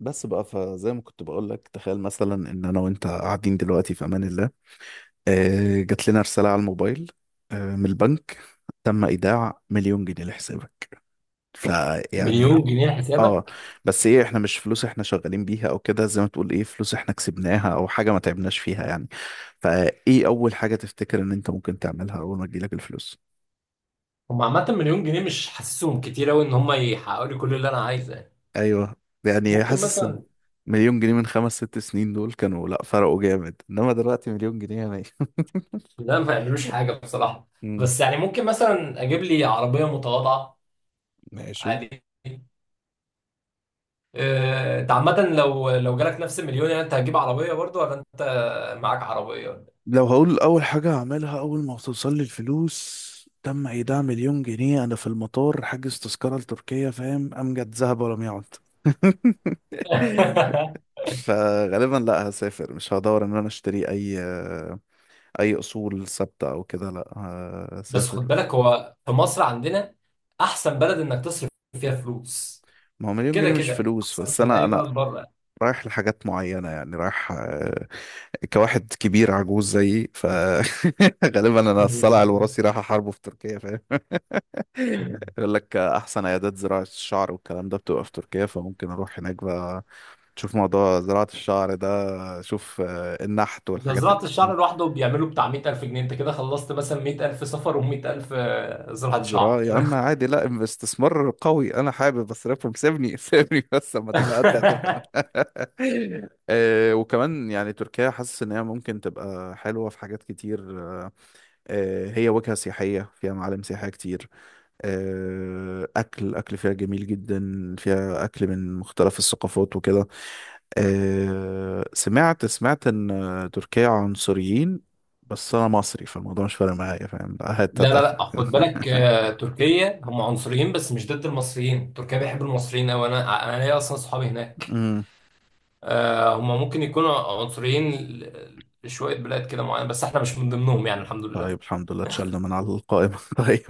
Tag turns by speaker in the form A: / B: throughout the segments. A: بس بقى فزي ما كنت بقول لك تخيل مثلا ان انا وانت قاعدين دلوقتي في امان الله. جات لنا رسالة على الموبايل، من البنك، تم ايداع مليون جنيه لحسابك. فيعني
B: مليون جنيه
A: اه.
B: حسابك؟
A: بس ايه، احنا مش فلوس احنا شغالين بيها او كده، زي ما تقول ايه، فلوس احنا كسبناها او حاجة ما تعبناش فيها يعني. فايه اول حاجة تفتكر ان انت ممكن تعملها اول ما تجيلك الفلوس؟
B: هم عامة، مليون جنيه مش حاسسهم كتير أوي إن هم يحققوا لي كل اللي أنا عايزه يعني.
A: ايوه، يعني
B: ممكن
A: حاسس ان
B: مثلا.
A: مليون جنيه من خمس ست سنين دول كانوا لا، فرقوا جامد، انما دلوقتي مليون جنيه يعني
B: لا، ما يعملوش حاجة بصراحة.
A: مم.
B: بس يعني ممكن مثلا أجيب لي عربية متواضعة.
A: ماشي.
B: عادي. أنت عامة، لو جالك نفس المليون، يعني أنت هتجيب عربية برضو ولا أنت معاك عربية ولا
A: لو هقول اول حاجة هعملها اول ما توصل لي الفلوس: تم ايداع مليون جنيه، انا في المطار حاجز تذكرة لتركيا، فاهم؟ امجد ذهب ولم يعد
B: إيه؟
A: فغالبا لا، هسافر، مش هدور ان انا اشتري اي اصول ثابته او كده، لا،
B: بس خد
A: هسافر.
B: بالك، هو في مصر عندنا أحسن بلد إنك تصرف فيها فلوس.
A: ما هو مليون
B: كده
A: جنيه مش
B: كده
A: فلوس،
B: أحسن
A: بس
B: من
A: انا
B: أي
A: انا
B: بلد بره.
A: رايح لحاجات معينه، يعني رايح، كواحد كبير عجوز زيي، فغالبا انا الصلع الوراثي رايح احاربه في تركيا. يقول لك احسن عيادات زراعة الشعر والكلام ده بتبقى في تركيا، فممكن اروح هناك بقى تشوف موضوع زراعة الشعر ده. شوف النحت
B: ده
A: والحاجات اللي
B: زراعة
A: من
B: الشعر لوحده بيعملوا بتاع 100000 جنيه. انت كده خلصت مثلا 100000 سفر و100000 زراعة
A: زراعة،
B: شعر.
A: يا عم عادي، لا استثمار قوي، انا حابب اصرفهم سيبني سيبني بس اما تبقى قد هتفهم. وكمان يعني تركيا حاسس ان هي ممكن تبقى حلوة في حاجات كتير. هي وجهة سياحية فيها معالم سياحية كتير. اكل فيها جميل جدا، فيها اكل من مختلف الثقافات وكده. سمعت ان تركيا عنصريين، بس انا مصري فالموضوع مش فارق معايا، فاهم؟ لا، هات
B: لا
A: هات
B: لا
A: اخر
B: لا، خد بالك، تركيا هم عنصريين بس مش ضد المصريين. تركيا بيحب المصريين أوي. أنا ليا أصلا صحابي هناك.
A: أمم.
B: هم ممكن يكونوا عنصريين لشوية بلاد كده معينة، بس احنا مش من ضمنهم يعني. الحمد لله.
A: طيب الحمد لله اتشلنا من على القائمة طيب،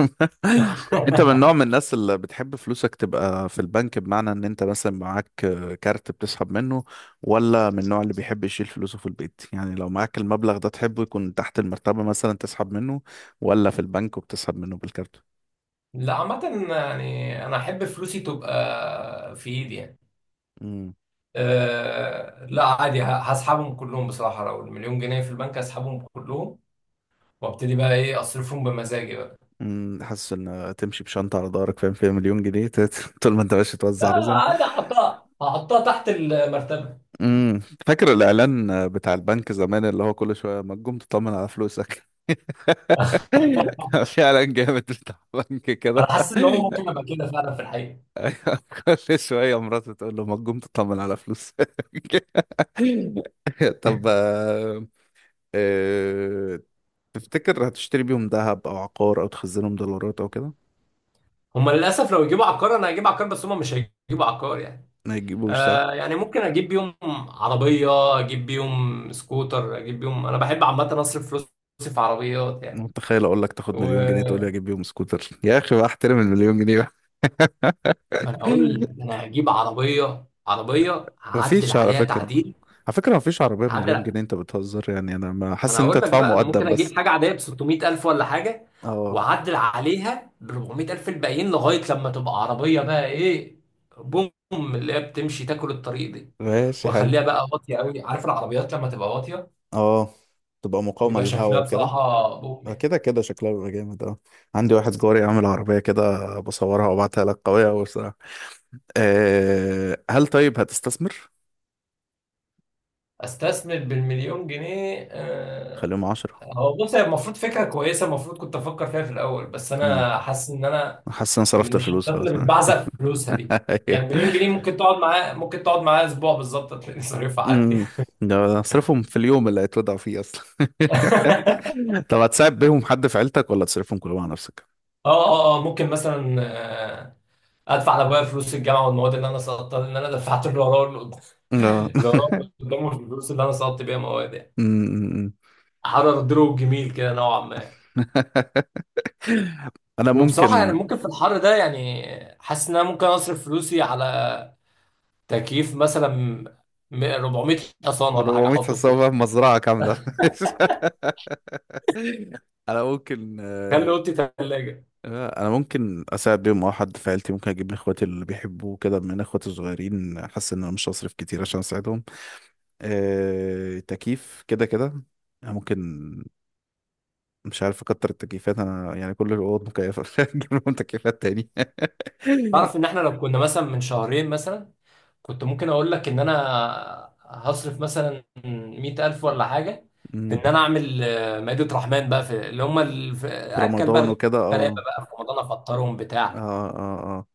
A: انت من نوع من الناس اللي بتحب فلوسك تبقى في البنك، بمعنى ان انت مثلا معاك كارت بتسحب منه، ولا من النوع اللي بيحب يشيل فلوسه في البيت؟ يعني لو معاك المبلغ ده تحبه يكون تحت المرتبة مثلا تسحب منه، ولا في البنك وبتسحب منه بالكارت؟
B: لا، عامة يعني أنا أحب فلوسي تبقى في إيدي يعني. آه، لا عادي، هسحبهم كلهم بصراحة. لو المليون جنيه في البنك هسحبهم كلهم، وابتدي بقى ايه، اصرفهم بمزاجي بقى.
A: مم، حاسس ان تمشي بشنطه على ظهرك، فاهم، فيها مليون جنيه طول ما انت ماشي توزع
B: لا،
A: رزم.
B: عادي، هحطها تحت المرتبة.
A: مم. فاكر الاعلان بتاع البنك زمان اللي هو كل شويه ما تقوم تطمن على فلوسك؟ كان في اعلان جامد بتاع بنك
B: انا
A: كده
B: حاسس ان هو ممكن ابقى كده فعلا في الحقيقة.
A: كل شويه مراته تقول له ما تقوم تطمن على فلوسك طب آه، تفتكر هتشتري بيهم ذهب او عقار او تخزنهم دولارات او كده؟
B: هما للاسف لو يجيبوا عقار انا هجيب عقار، بس هما مش هيجيبوا عقار يعني.
A: ما يجيبوش.
B: آه، يعني ممكن اجيب بيهم عربية، اجيب بيهم سكوتر، اجيب بيهم، انا بحب عامة اصرف فلوسي في عربيات يعني.
A: متخيل اقول لك تاخد
B: و
A: مليون جنيه تقول لي اجيب بيهم سكوتر؟ يا اخي بقى احترم المليون جنيه بقى
B: ما انا اقول لك، انا هجيب عربية هعدل
A: مفيش على
B: عليها
A: فكره،
B: تعديل.
A: على فكره مفيش عربيه بمليون
B: هعدل.
A: جنيه، انت بتهزر يعني، انا ما
B: انا
A: حاسس ان انت
B: هقول لك
A: هتدفع
B: بقى، انا ممكن
A: مقدم بس.
B: اجيب حاجه عاديه ب 600000 ولا حاجه،
A: اه.
B: واعدل عليها ب 400000، الباقيين لغايه لما تبقى عربيه بقى ايه، بوم اللي هي بتمشي تاكل الطريق دي.
A: ماشي، حلو.
B: واخليها بقى واطيه قوي، عارف العربيات لما تبقى واطيه
A: اه، تبقى مقاومه
B: بيبقى
A: للهواء
B: شكلها
A: وكده.
B: بصراحه بوم يعني.
A: كده كده شكلها بيبقى جامد اه. عندي واحد جاري عامل عربيه كده، بصورها وابعتها لك، قويه قوي بصراحه. أه، هل طيب هتستثمر؟
B: استثمر بالمليون جنيه؟
A: خليهم عشرة.
B: هو بص، هي المفروض فكره كويسه، المفروض كنت افكر فيها في الاول، بس
A: امم.
B: انا حاسس ان انا
A: حاسس ان أنا صرفت
B: من الشخصيات
A: الفلوس خلاص
B: اللي بتبعزق فلوسها دي.
A: ايوه.
B: يعني مليون جنيه ممكن تقعد معاه اسبوع بالظبط هتلاقي صريفها عادي.
A: امم. ده اصرفهم في اليوم اللي هيتوضعوا فيه اصلا
B: اه،
A: طب هتساعد بيهم حد في عيلتك ولا تصرفهم كلهم على نفسك؟
B: اه، اه، ممكن مثلا آه، ادفع لابويا فلوس الجامعه والمواد اللي انا سقطتها لان انا دفعت
A: اه.
B: اللي وراه واللي قدامه الفلوس اللي انا سقطت بيها مواد يعني.
A: أمم.
B: حر دروب جميل كده نوعا ما.
A: انا
B: وبصراحه
A: ممكن
B: يعني، ممكن في الحر ده يعني، حاسس ان انا ممكن اصرف فلوسي على تكييف مثلا، 400 حصان ولا حاجه
A: 400
B: احطه فوق.
A: حصان في مزرعة كاملة انا ممكن
B: خلي اوضتي ثلاجه.
A: انا ممكن اساعد بيهم او حد في عيلتي، ممكن اجيب لاخواتي اللي بيحبوا كده، من اخواتي الصغيرين، حاسس ان انا مش هصرف كتير عشان اساعدهم. تكييف كده كده. أنا ممكن، مش عارف اكتر، التكييفات انا يعني كل الاوض مكيفه نجيب لهم تكييفات تاني.
B: تعرف ان احنا لو كنا مثلا من شهرين مثلا، كنت ممكن اقول لك ان انا هصرف مثلا 100000 ولا حاجة في ان
A: امم.
B: انا اعمل مائدة رحمن بقى في اللي هم
A: في
B: اكل
A: رمضان
B: بقى
A: وكده
B: الغلابة
A: اه.
B: بقى في رمضان، افطرهم بتاع.
A: اه اه اه،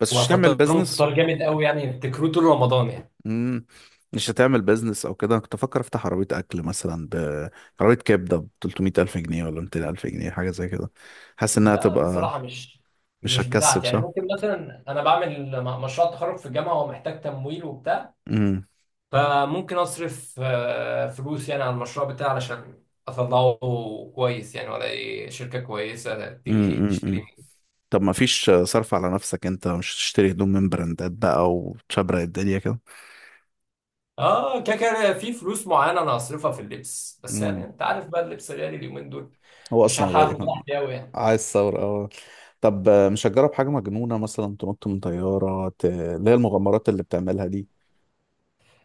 A: بس مش هتعمل
B: وافطرهم
A: بيزنس؟
B: فطار جامد قوي يعني، يفتكروه طول رمضان يعني.
A: امم. مش هتعمل بيزنس او كده؟ انا كنت افكر افتح عربيه اكل، مثلا ب، عربيه كبده ب 300 الف جنيه ولا 200 الف جنيه، حاجه زي كده، حاسس انها
B: لا
A: تبقى،
B: بصراحة، مش
A: مش
B: مش
A: هتكسب
B: بتاعتي يعني.
A: صح.
B: ممكن مثلا انا بعمل مشروع تخرج في الجامعة ومحتاج تمويل وبتاع.
A: امم
B: فممكن أصرف فلوس يعني على المشروع بتاعي علشان أطلعه كويس يعني، ولا أي شركة كويسة تيجي
A: امم
B: تشتري
A: امم
B: مني.
A: طب ما فيش صرف على نفسك؟ انت مش تشتري هدوم من براندات بقى وتشبرق الدنيا كده؟
B: آه، كده كده في فلوس معينة أنا هصرفها في اللبس، بس يعني
A: امم.
B: أنت عارف بقى اللبس غالي اليومين دول.
A: هو
B: مش
A: اصلا
B: هلحق
A: غالي.
B: آخد راحتي أوي يعني.
A: عايز ثورة اه. طب مش هتجرب حاجة مجنونة، مثلا تنط من طيارة، اللي هي المغامرات اللي بتعملها دي؟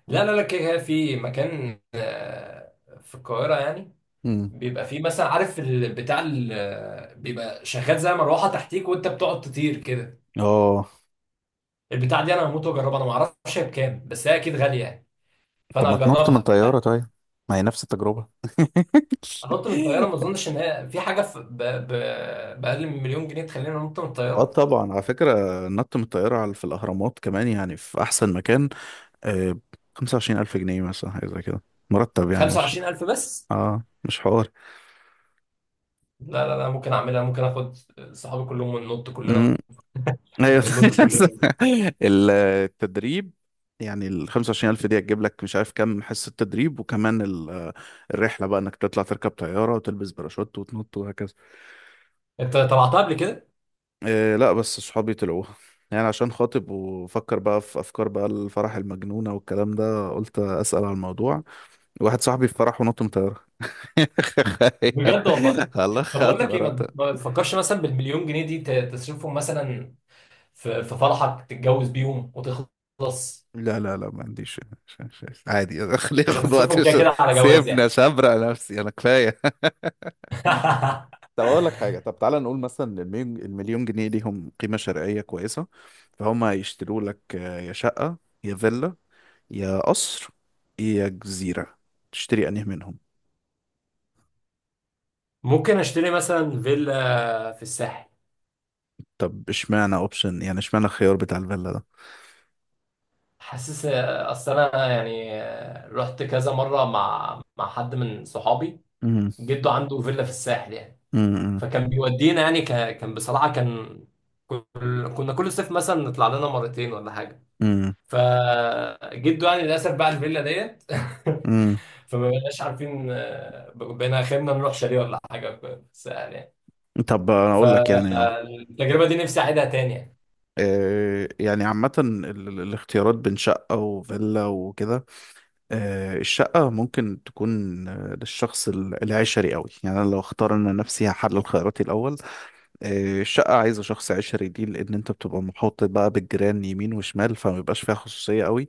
B: لا لا لا، كده كده في مكان في القاهرة يعني،
A: امم.
B: بيبقى فيه مثلا، عارف بتاع بيبقى شغال زي مروحة تحتيك وأنت بتقعد تطير كده.
A: اه.
B: البتاع دي أنا هموت وأجربها، أنا معرفش هي بكام بس هي أكيد غالية يعني.
A: طب
B: فانا
A: ما تنط من
B: هجربها.
A: طيارة طيب، ما هي نفس التجربة
B: انط من الطياره؟ ما اظنش ان هي في حاجه في باقل من مليون جنيه تخليني انط من
A: اه
B: الطياره.
A: طبعا، على فكرة النط من الطيارة على، في الأهرامات كمان، يعني في أحسن مكان. آه، 25,000 جنيه مثلا، حاجة زي كده، مرتب يعني، مش
B: 25000 بس؟
A: اه، مش حوار.
B: لا لا لا، ممكن اعملها، ممكن اخد صحابي كلهم وننط كلنا
A: ايوه
B: وننط كلنا.
A: التدريب يعني ال 25,000 دي هتجيب لك مش عارف كام حصة تدريب، وكمان الرحلة بقى انك تطلع تركب طيارة وتلبس باراشوت وتنط وهكذا.
B: انت طلعتها قبل كده؟
A: إيه؟ لا، بس صحابي طلعوها، يعني عشان خاطب وفكر بقى في افكار بقى الفرح المجنونة والكلام ده، قلت اسأل على الموضوع. واحد صاحبي في فرح ونط من طيارة
B: بجد والله.
A: تخيل، الله
B: طب اقول
A: خد
B: لك ايه، ما
A: مراته.
B: ما تفكرش مثلا بالمليون جنيه دي تصرفهم مثلا في فرحك، تتجوز بيهم وتخلص.
A: لا لا لا، ما عنديش. عادي خليه
B: مش
A: ياخد وقت
B: هتصرفهم كده كده على جواز
A: سيبنا
B: يعني؟
A: شبرق نفسي انا كفايه. طب اقول لك حاجه، طب تعالى نقول مثلا المليون جنيه ليهم قيمه شرائيه كويسه، فهم هيشتروا لك يا شقه، يا فيلا، يا قصر، يا جزيره؟ تشتري انهي منهم؟
B: ممكن اشتري مثلا فيلا في الساحل.
A: طب اشمعنى اوبشن، يعني اشمعنى الخيار بتاع الفيلا ده؟
B: حاسس اصل انا يعني، رحت كذا مره مع حد من صحابي
A: امم.
B: جده عنده فيلا في الساحل يعني.
A: امم.
B: فكان بيودينا يعني، كان بصراحه كان كل... كنا كل صيف مثلا نطلع لنا مرتين ولا حاجه.
A: امم.
B: فجده يعني للاسف باع الفيلا ديت.
A: امم.
B: فما بقناش عارفين، بقينا اخرنا نروح شاليه ولا حاجه في الساحل يعني.
A: طب انا اقول لك يعني،
B: فالتجربه دي نفسي اعيدها تاني يعني.
A: يعني عامة الاختيارات بين شقة وفيلا وكده، الشقة ممكن تكون للشخص العشري قوي، يعني انا لو اختار، انا نفسي هحلل خياراتي الاول. الشقة عايزة شخص عشري دي، لأن أنت بتبقى محاط بقى بالجيران يمين وشمال، فما بيبقاش فيها خصوصية قوي،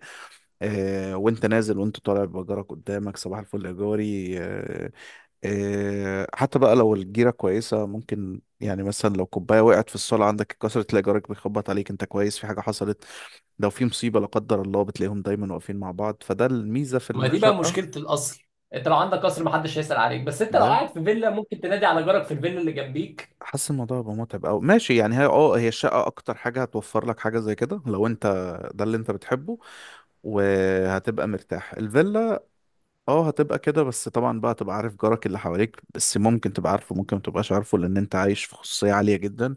A: وأنت نازل وأنت طالع بجارك قدامك، صباح الفل يا جاري. حتى بقى لو الجيرة كويسة ممكن يعني، مثلا لو كوباية وقعت في الصالة عندك اتكسرت تلاقي جارك بيخبط عليك، أنت كويس، في حاجة حصلت؟ لو في مصيبة لا قدر الله بتلاقيهم دايما واقفين مع بعض، فده الميزة في
B: ما دي بقى
A: الشقة
B: مشكله القصر، انت لو عندك قصر محدش هيسال عليك، بس انت لو
A: ده.
B: قاعد في فيلا ممكن تنادي على جارك في الفيلا اللي جنبيك.
A: حاسس الموضوع هيبقى متعب أوي، ماشي يعني. هي اه، هي الشقة أكتر حاجة هتوفر لك حاجة زي كده، لو أنت ده اللي أنت بتحبه، وهتبقى مرتاح. الفيلا اه هتبقى كده، بس طبعا بقى تبقى عارف جارك اللي حواليك، بس ممكن تبقى عارفه ممكن ما تبقاش عارفه، لان انت عايش في خصوصية عالية جدا،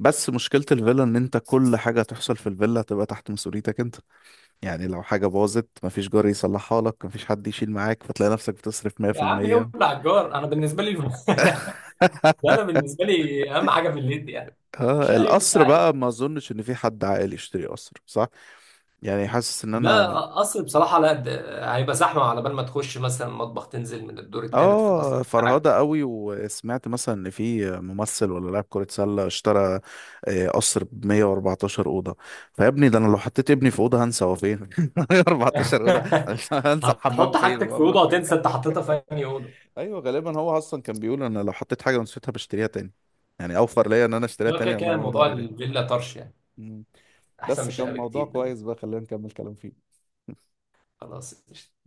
A: بس مشكلة الفيلا ان انت كل حاجة تحصل في الفيلا هتبقى تحت مسؤوليتك انت، يعني لو حاجة باظت مفيش جار يصلحها لك، مفيش حد يشيل معاك، فتلاقي نفسك بتصرف
B: يا عم،
A: 100%.
B: يولع الجار، انا بالنسبه لي. انا بالنسبه لي اهم حاجه في الليل دي يعني
A: اه،
B: شاي
A: القصر
B: وبتاع إيه.
A: بقى ما اظنش ان في حد عاقل يشتري قصر، صح؟ يعني حاسس ان
B: لا،
A: انا
B: قصر بصراحه لا، ده هيبقى زحمه على بال ما تخش مثلا مطبخ تنزل من الدور الثالث في القصر
A: اه، فرهضة
B: بتاعك.
A: قوي. وسمعت مثلا ان في ممثل ولا لاعب كرة سلة اشترى قصر ب 114 أوضة. فيا ابني ده انا لو حطيت ابني في أوضة هنسى هو فين 114 أوضة، عشان هنسى الحمام
B: هتحط
A: فين
B: حاجتك في اوضه
A: والمطبخ فين.
B: وتنسى انت حطيتها في انهي اوضه.
A: ايوه، غالبا هو اصلا كان بيقول انا لو حطيت حاجة ونسيتها بشتريها تاني، يعني اوفر ليا ان انا اشتريها
B: لا، كده
A: تاني انا
B: كده
A: اقوم
B: موضوع
A: ادور عليها.
B: الفيلا طرش يعني.
A: مم.
B: احسن من
A: بس كان
B: الشقه
A: موضوع
B: بكتير بالنسبة لي.
A: كويس بقى، خلينا نكمل كلام فيه.
B: خلاص.